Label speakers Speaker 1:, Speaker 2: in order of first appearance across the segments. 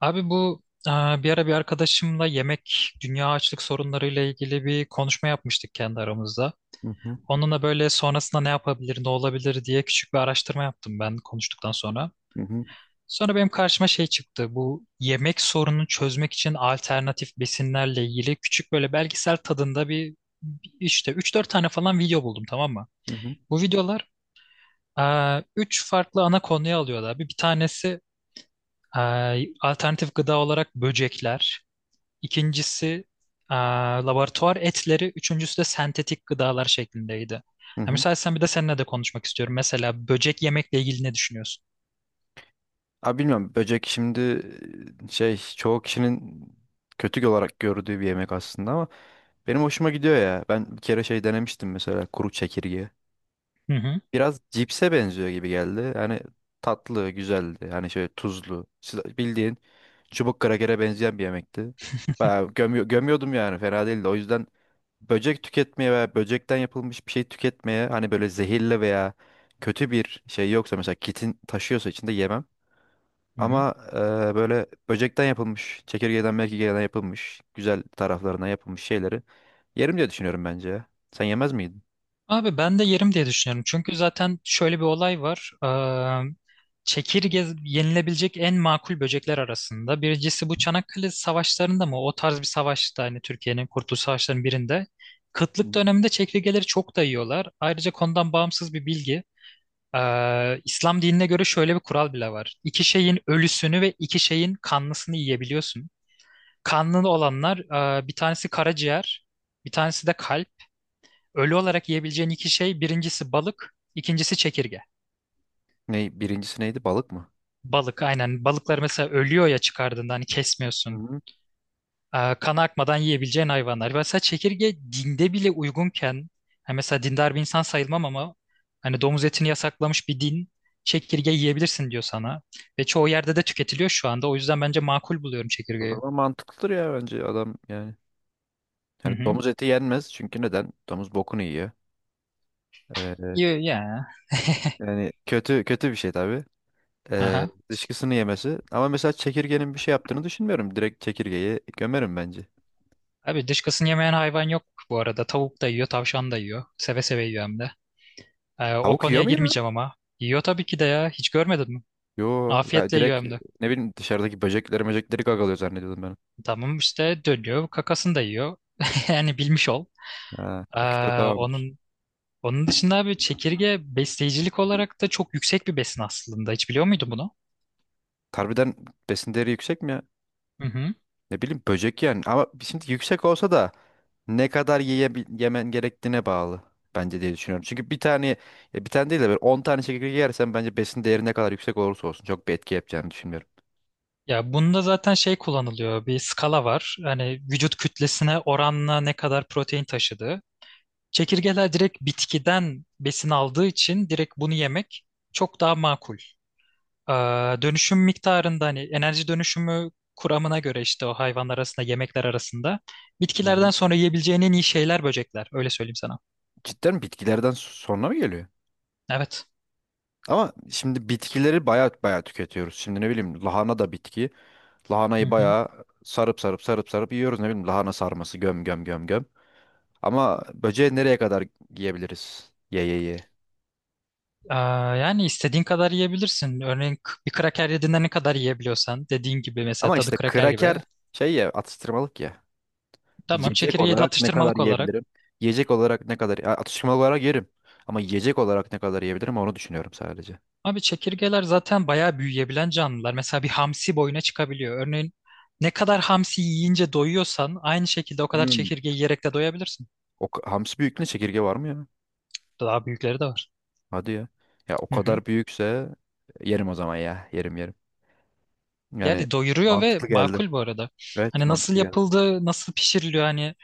Speaker 1: Abi bu bir ara bir arkadaşımla yemek dünya açlık sorunlarıyla ilgili bir konuşma yapmıştık kendi aramızda.
Speaker 2: Hı hı.
Speaker 1: Onunla böyle sonrasında ne yapabilir, ne olabilir diye küçük bir araştırma yaptım ben konuştuktan sonra.
Speaker 2: Hı hı.
Speaker 1: Sonra benim karşıma şey çıktı. Bu yemek sorununu çözmek için alternatif besinlerle ilgili küçük böyle belgesel tadında bir işte üç dört tane falan video buldum, tamam mı?
Speaker 2: Hı hı.
Speaker 1: Bu videolar e, 3 farklı ana konuya alıyordu abi. Bir tanesi alternatif gıda olarak böcekler. İkincisi e, laboratuvar etleri, üçüncüsü de sentetik gıdalar şeklindeydi.
Speaker 2: Hı
Speaker 1: Ha,
Speaker 2: hı.
Speaker 1: müsaitsen bir de seninle de konuşmak istiyorum. Mesela böcek yemekle ilgili ne düşünüyorsun?
Speaker 2: Abi bilmiyorum böcek şimdi şey çoğu kişinin kötü olarak gördüğü bir yemek aslında ama benim hoşuma gidiyor ya. Ben bir kere şey denemiştim mesela kuru çekirge.
Speaker 1: Hı hı,
Speaker 2: Biraz cipse benziyor gibi geldi. Yani tatlı, güzeldi. Yani şöyle tuzlu. Bildiğin çubuk krakere benzeyen bir yemekti. Bayağı gömüyordum yani fena değildi. O yüzden böcek tüketmeye veya böcekten yapılmış bir şey tüketmeye hani böyle zehirli veya kötü bir şey yoksa mesela kitin taşıyorsa içinde yemem.
Speaker 1: hı hı.
Speaker 2: Ama böyle böcekten yapılmış, çekirgeden merkirgeden yapılmış, güzel taraflarına yapılmış şeyleri yerim diye düşünüyorum bence ya. Sen yemez miydin?
Speaker 1: Abi ben de yerim diye düşünüyorum. Çünkü zaten şöyle bir olay var. Çekirge yenilebilecek en makul böcekler arasında. Birincisi bu Çanakkale savaşlarında mı? O tarz bir savaşta hani Türkiye'nin Kurtuluş Savaşları'nın birinde.
Speaker 2: Hı.
Speaker 1: Kıtlık döneminde çekirgeleri çok da yiyorlar. Ayrıca konudan bağımsız bir bilgi. İslam dinine göre şöyle bir kural bile var. İki şeyin ölüsünü ve iki şeyin kanlısını yiyebiliyorsun. Kanlı olanlar bir tanesi karaciğer, bir tanesi de kalp. Ölü olarak yiyebileceğin iki şey, birincisi balık, ikincisi çekirge.
Speaker 2: Ne, birincisi neydi? Balık mı?
Speaker 1: Balık aynen. Balıklar mesela ölüyor ya çıkardığında hani kesmiyorsun. Kan akmadan yiyebileceğin hayvanlar. Mesela çekirge dinde bile uygunken, yani mesela dindar bir insan sayılmam ama hani domuz etini yasaklamış bir din çekirge yiyebilirsin diyor sana. Ve çoğu yerde de tüketiliyor şu anda. O yüzden bence makul buluyorum
Speaker 2: O
Speaker 1: çekirgeyi.
Speaker 2: zaman mantıklıdır ya bence adam yani.
Speaker 1: Hı
Speaker 2: Yani
Speaker 1: hı.
Speaker 2: domuz eti yenmez çünkü neden? Domuz bokunu yiyor. Ee,
Speaker 1: Yiyor ya.
Speaker 2: yani kötü kötü bir şey tabii. Ee,
Speaker 1: Aha.
Speaker 2: dışkısını yemesi. Ama mesela çekirgenin bir şey yaptığını düşünmüyorum. Direkt çekirgeyi gömerim bence.
Speaker 1: Abi dışkısını yemeyen hayvan yok bu arada. Tavuk da yiyor, tavşan da yiyor. Seve seve yiyor hem de. O
Speaker 2: Tavuk
Speaker 1: konuya
Speaker 2: yiyor mu ya?
Speaker 1: girmeyeceğim ama. Yiyor tabii ki de ya. Hiç görmedin mi?
Speaker 2: Yo. Ya
Speaker 1: Afiyetle yiyor
Speaker 2: direkt
Speaker 1: hem de.
Speaker 2: ne bileyim dışarıdaki böcekleri möcekleri gagalıyor zannediyordum ben.
Speaker 1: Tamam işte dönüyor, kakasını da yiyor. Yani bilmiş ol.
Speaker 2: Ha, o kitle
Speaker 1: Aa,
Speaker 2: tamamdır.
Speaker 1: onun dışında abi çekirge besleyicilik olarak da çok yüksek bir besin aslında. Hiç biliyor muydun bunu?
Speaker 2: Harbiden besin değeri yüksek mi ya?
Speaker 1: Hı hı.
Speaker 2: Ne bileyim böcek yani. Ama şimdi yüksek olsa da ne kadar yemen gerektiğine bağlı bence diye düşünüyorum. Çünkü bir tane ya bir tane değil de böyle 10 tane çekirge yersen bence besin değeri ne kadar yüksek olursa olsun çok bir etki yapacağını düşünmüyorum.
Speaker 1: Ya bunda zaten şey kullanılıyor. Bir skala var. Hani vücut kütlesine oranla ne kadar protein taşıdığı. Çekirgeler direkt bitkiden besin aldığı için direkt bunu yemek çok daha makul. Aa, dönüşüm miktarında hani enerji dönüşümü kuramına göre işte o hayvanlar arasında, yemekler arasında
Speaker 2: Hı
Speaker 1: bitkilerden
Speaker 2: hı.
Speaker 1: sonra yiyebileceğin en iyi şeyler böcekler. Öyle söyleyeyim sana.
Speaker 2: Cidden bitkilerden sonra mı geliyor?
Speaker 1: Evet.
Speaker 2: Ama şimdi bitkileri baya baya tüketiyoruz. Şimdi ne bileyim lahana da bitki.
Speaker 1: Hı
Speaker 2: Lahanayı
Speaker 1: hı.
Speaker 2: baya sarıp sarıp sarıp sarıp yiyoruz. Ne bileyim lahana sarması göm göm göm göm. Ama böceği nereye kadar yiyebiliriz? Ye ye ye.
Speaker 1: Aa, yani istediğin kadar yiyebilirsin. Örneğin bir kraker yediğinde ne kadar yiyebiliyorsan, dediğin gibi, mesela
Speaker 2: Ama
Speaker 1: tadı
Speaker 2: işte
Speaker 1: kraker
Speaker 2: kraker
Speaker 1: gibi.
Speaker 2: şey ya atıştırmalık ya.
Speaker 1: Tamam,
Speaker 2: Yiyecek
Speaker 1: çekirgeyi de
Speaker 2: olarak ne kadar
Speaker 1: atıştırmalık olarak.
Speaker 2: yiyebilirim? Yiyecek olarak ne kadar ya atıştırmalık olarak yerim. Ama yiyecek olarak ne kadar yiyebilirim onu düşünüyorum sadece.
Speaker 1: Abi çekirgeler zaten bayağı büyüyebilen canlılar. Mesela bir hamsi boyuna çıkabiliyor. Örneğin ne kadar hamsi yiyince doyuyorsan aynı şekilde o kadar
Speaker 2: Hmm.
Speaker 1: çekirge yiyerek de doyabilirsin.
Speaker 2: Hamsi büyüklüğünde çekirge var mı ya?
Speaker 1: Daha büyükleri de var.
Speaker 2: Hadi ya. Ya o
Speaker 1: Hı hı.
Speaker 2: kadar büyükse yerim o zaman ya. Yerim yerim. Yani
Speaker 1: Yani doyuruyor ve
Speaker 2: mantıklı geldi.
Speaker 1: makul bu arada.
Speaker 2: Evet
Speaker 1: Hani nasıl
Speaker 2: mantıklı geldi.
Speaker 1: yapıldığı, nasıl pişiriliyor, hani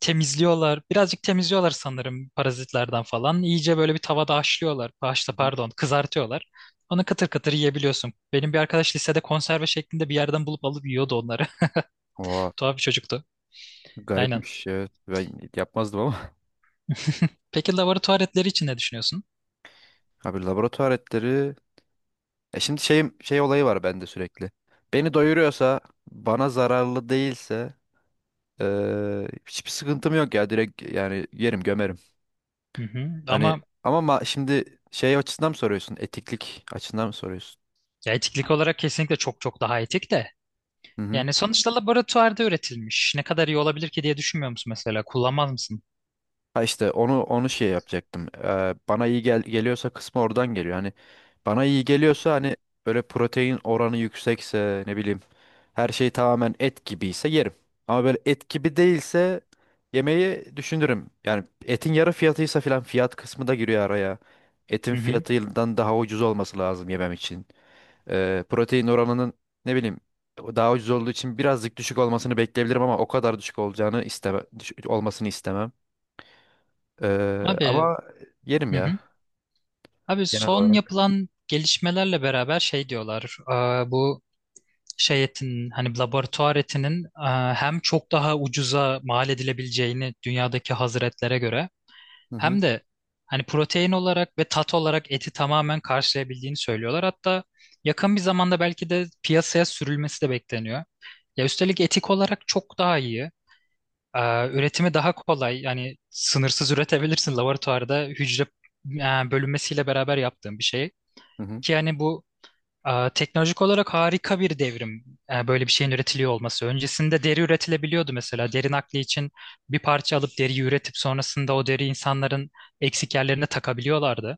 Speaker 1: temizliyorlar. Birazcık temizliyorlar sanırım parazitlerden falan. İyice böyle bir tavada haşlıyorlar. Haşla
Speaker 2: Hı hı.
Speaker 1: pardon, kızartıyorlar. Onu kıtır kıtır yiyebiliyorsun. Benim bir arkadaş lisede konserve şeklinde bir yerden bulup alıp yiyordu onları.
Speaker 2: Oha,
Speaker 1: Tuhaf bir çocuktu. Aynen.
Speaker 2: garipmiş evet. Ben yapmazdım ama.
Speaker 1: Peki laboratuvar etleri için ne düşünüyorsun?
Speaker 2: Abi laboratuvar etleri. Şimdi şey olayı var bende sürekli. Beni doyuruyorsa, bana zararlı değilse hiçbir sıkıntım yok ya direkt yani yerim gömerim.
Speaker 1: Hı hı.
Speaker 2: Hani
Speaker 1: Ama
Speaker 2: ama şimdi şey açısından mı soruyorsun? Etiklik açısından mı soruyorsun?
Speaker 1: ya etiklik olarak kesinlikle çok çok daha etik de.
Speaker 2: Hı hı.
Speaker 1: Yani sonuçta laboratuvarda üretilmiş. Ne kadar iyi olabilir ki diye düşünmüyor musun mesela? Kullanmaz mısın?
Speaker 2: Ha işte onu şey yapacaktım. Bana iyi geliyorsa kısmı oradan geliyor. Hani bana iyi geliyorsa hani böyle protein oranı yüksekse ne bileyim her şey tamamen et gibiyse yerim. Ama böyle et gibi değilse yemeği düşünürüm. Yani etin yarı fiyatıysa filan fiyat kısmı da giriyor araya. Etin
Speaker 1: Hı hı.
Speaker 2: fiyatından daha ucuz olması lazım yemem için. Protein oranının ne bileyim daha ucuz olduğu için birazcık düşük olmasını bekleyebilirim ama o kadar düşük olacağını olmasını istemem. Ee,
Speaker 1: Abi,
Speaker 2: ama yerim
Speaker 1: hı
Speaker 2: ya
Speaker 1: hı. Abi
Speaker 2: genel
Speaker 1: son
Speaker 2: olarak.
Speaker 1: yapılan gelişmelerle beraber şey diyorlar. Bu şey etinin, hani laboratuvar etinin, hem çok daha ucuza mal edilebileceğini dünyadaki hazır etlere göre,
Speaker 2: Hı hı.
Speaker 1: hem de hani protein olarak ve tat olarak eti tamamen karşılayabildiğini söylüyorlar. Hatta yakın bir zamanda belki de piyasaya sürülmesi de bekleniyor. Ya üstelik etik olarak çok daha iyi. E, Üretimi daha kolay. Yani sınırsız üretebilirsin laboratuvarda, hücre bölünmesiyle beraber yaptığın bir şey.
Speaker 2: Hı hı.
Speaker 1: Ki yani bu teknolojik olarak harika bir devrim, böyle bir şeyin üretiliyor olması. Öncesinde deri üretilebiliyordu mesela. Deri nakli için bir parça alıp deriyi üretip sonrasında o deri insanların eksik yerlerine takabiliyorlardı.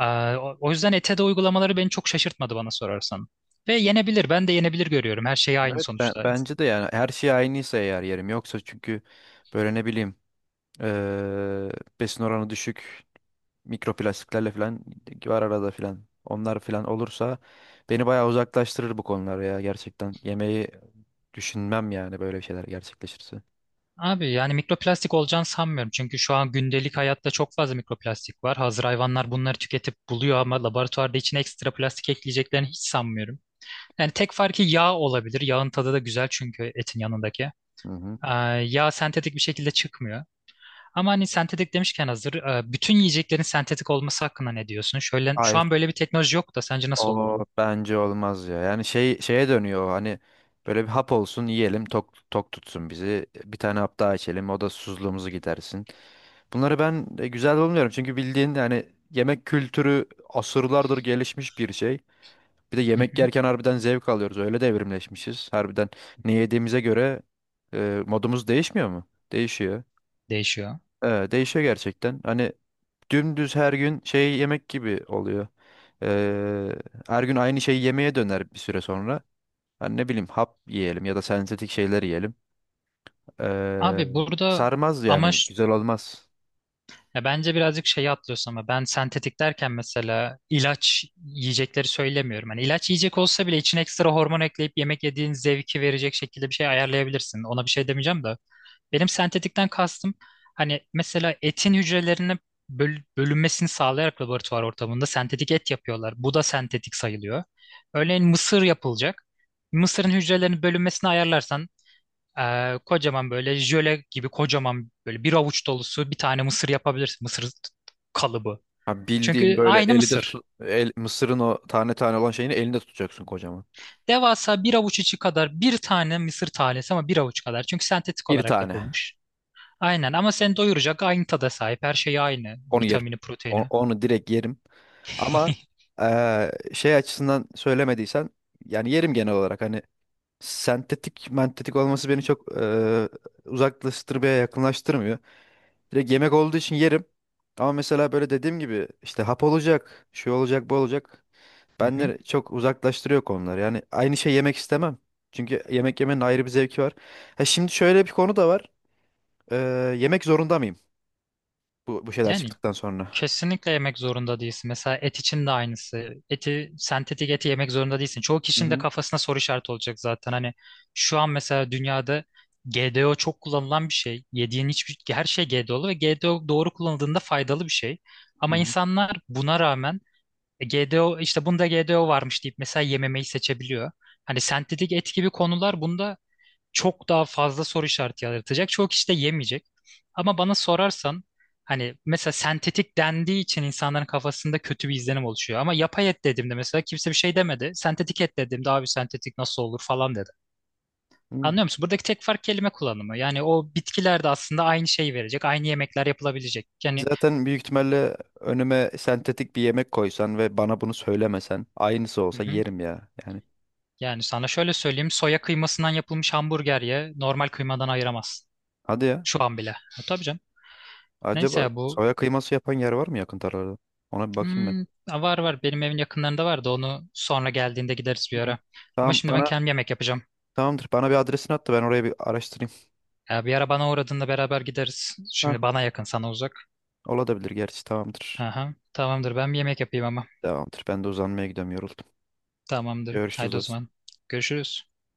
Speaker 1: E, o yüzden ete de uygulamaları beni çok şaşırtmadı bana sorarsan. Ve yenebilir. Ben de yenebilir görüyorum. Her şey aynı
Speaker 2: Evet
Speaker 1: sonuçta.
Speaker 2: bence de yani her şey aynıysa eğer yerim. Yoksa çünkü böyle ne bileyim ee, besin oranı düşük mikroplastiklerle falan var arada falan. Onlar falan olursa beni bayağı uzaklaştırır bu konular ya gerçekten. Yemeği düşünmem yani böyle şeyler gerçekleşirse.
Speaker 1: Abi yani mikroplastik olacağını sanmıyorum. Çünkü şu an gündelik hayatta çok fazla mikroplastik var. Hazır hayvanlar bunları tüketip buluyor ama laboratuvarda içine ekstra plastik ekleyeceklerini hiç sanmıyorum. Yani tek farkı yağ olabilir. Yağın tadı da güzel çünkü, etin yanındaki.
Speaker 2: Hı hı.
Speaker 1: Ee, yağ sentetik bir şekilde çıkmıyor. Ama hani sentetik demişken hazır, bütün yiyeceklerin sentetik olması hakkında ne diyorsun? Şöyle, şu an böyle bir teknoloji yok da sence nasıl
Speaker 2: O
Speaker 1: olurdu?
Speaker 2: bence olmaz ya. Yani şey şeye dönüyor o, hani böyle bir hap olsun yiyelim tok tok tutsun bizi. Bir tane hap daha içelim o da susuzluğumuzu gidersin. Bunları ben güzel bulmuyorum çünkü bildiğin yani yemek kültürü asırlardır gelişmiş bir şey. Bir de
Speaker 1: Hı
Speaker 2: yemek
Speaker 1: hı,
Speaker 2: yerken harbiden zevk alıyoruz. Öyle de evrimleşmişiz. Harbiden ne yediğimize göre modumuz değişmiyor mu? Değişiyor.
Speaker 1: değişiyor.
Speaker 2: Değişiyor gerçekten. Hani dümdüz her gün şey yemek gibi oluyor. Ee, her gün aynı şeyi yemeye döner bir süre sonra. Hani ne bileyim hap yiyelim ya da sentetik şeyler yiyelim. Ee,
Speaker 1: Abi burada
Speaker 2: sarmaz yani
Speaker 1: amaç.
Speaker 2: güzel olmaz.
Speaker 1: Ya bence birazcık şeyi atlıyorsun ama, ben sentetik derken mesela ilaç yiyecekleri söylemiyorum. Hani ilaç yiyecek olsa bile içine ekstra hormon ekleyip yemek yediğin zevki verecek şekilde bir şey ayarlayabilirsin. Ona bir şey demeyeceğim de. Benim sentetikten kastım, hani mesela etin hücrelerinin bölünmesini sağlayarak laboratuvar ortamında sentetik et yapıyorlar. Bu da sentetik sayılıyor. Örneğin mısır yapılacak. Mısırın hücrelerinin bölünmesini ayarlarsan kocaman böyle jöle gibi, kocaman böyle bir avuç dolusu bir tane mısır yapabilirsin. Mısır kalıbı.
Speaker 2: Ha, bildiğin
Speaker 1: Çünkü
Speaker 2: böyle
Speaker 1: aynı
Speaker 2: elinde
Speaker 1: mısır.
Speaker 2: tut, mısırın o tane tane olan şeyini elinde tutacaksın kocaman.
Speaker 1: Devasa bir avuç içi kadar bir tane mısır tanesi ama bir avuç kadar. Çünkü sentetik
Speaker 2: Bir
Speaker 1: olarak
Speaker 2: tane.
Speaker 1: yapılmış. Aynen, ama seni doyuracak, aynı tada sahip. Her şey aynı.
Speaker 2: Onu yerim.
Speaker 1: Vitamini, proteini.
Speaker 2: Onu, direkt yerim. Ama şey açısından söylemediysen yani yerim genel olarak. Hani sentetik mentetik olması beni çok uzaklaştırmaya yakınlaştırmıyor. Direkt yemek olduğu için yerim. Ama mesela böyle dediğim gibi işte hap olacak, şey olacak, bu olacak.
Speaker 1: Hı hı.
Speaker 2: Benden çok uzaklaştırıyor konular. Yani aynı şey yemek istemem. Çünkü yemek yemenin ayrı bir zevki var. Ha şimdi şöyle bir konu da var. Ee, yemek zorunda mıyım bu şeyler
Speaker 1: Yani
Speaker 2: çıktıktan sonra?
Speaker 1: kesinlikle yemek zorunda değilsin. Mesela et için de aynısı. Eti, sentetik eti yemek zorunda değilsin. Çoğu
Speaker 2: Hı
Speaker 1: kişinin de
Speaker 2: hı.
Speaker 1: kafasına soru işareti olacak zaten. Hani şu an mesela dünyada GDO çok kullanılan bir şey. Yediğin hiçbir her şey GDO'lu ve GDO doğru kullanıldığında faydalı bir şey.
Speaker 2: Hı
Speaker 1: Ama
Speaker 2: hı.
Speaker 1: insanlar buna rağmen GDO, işte bunda GDO varmış deyip mesela yememeyi seçebiliyor. Hani sentetik et gibi konular bunda çok daha fazla soru işareti yaratacak. Çok işte yemeyecek. Ama bana sorarsan, hani mesela sentetik dendiği için insanların kafasında kötü bir izlenim oluşuyor. Ama yapay et dediğimde mesela kimse bir şey demedi. Sentetik et dediğimde abi sentetik nasıl olur falan dedi.
Speaker 2: Hı.
Speaker 1: Anlıyor musun? Buradaki tek fark kelime kullanımı. Yani o bitkiler de aslında aynı şeyi verecek. Aynı yemekler yapılabilecek. Yani,
Speaker 2: Zaten büyük ihtimalle önüme sentetik bir yemek koysan ve bana bunu söylemesen aynısı
Speaker 1: hı
Speaker 2: olsa
Speaker 1: hı.
Speaker 2: yerim ya. Yani
Speaker 1: Yani sana şöyle söyleyeyim. Soya kıymasından yapılmış hamburger ye, normal kıymadan ayıramazsın.
Speaker 2: hadi ya.
Speaker 1: Şu an bile. Ha, tabii canım. Neyse
Speaker 2: Acaba
Speaker 1: ya bu,
Speaker 2: soya kıyması yapan yer var mı yakın tarlarda? Ona bir bakayım ben.
Speaker 1: Hmm, var var benim evin yakınlarında vardı, onu sonra geldiğinde gideriz bir
Speaker 2: Hı.
Speaker 1: ara. Ama
Speaker 2: Tamam
Speaker 1: şimdi ben
Speaker 2: bana
Speaker 1: kendim yemek yapacağım.
Speaker 2: tamamdır. Bana bir adresini at da ben oraya bir araştırayım.
Speaker 1: Ya bir ara bana uğradığında beraber gideriz.
Speaker 2: Ha,
Speaker 1: Şimdi bana yakın, sana uzak.
Speaker 2: olabilir gerçi tamamdır.
Speaker 1: Aha, tamamdır, ben bir yemek yapayım ama.
Speaker 2: Tamamdır. Ben de uzanmaya gidiyorum yoruldum.
Speaker 1: Tamamdır.
Speaker 2: Görüşürüz
Speaker 1: Haydi o
Speaker 2: dostum.
Speaker 1: zaman. Görüşürüz.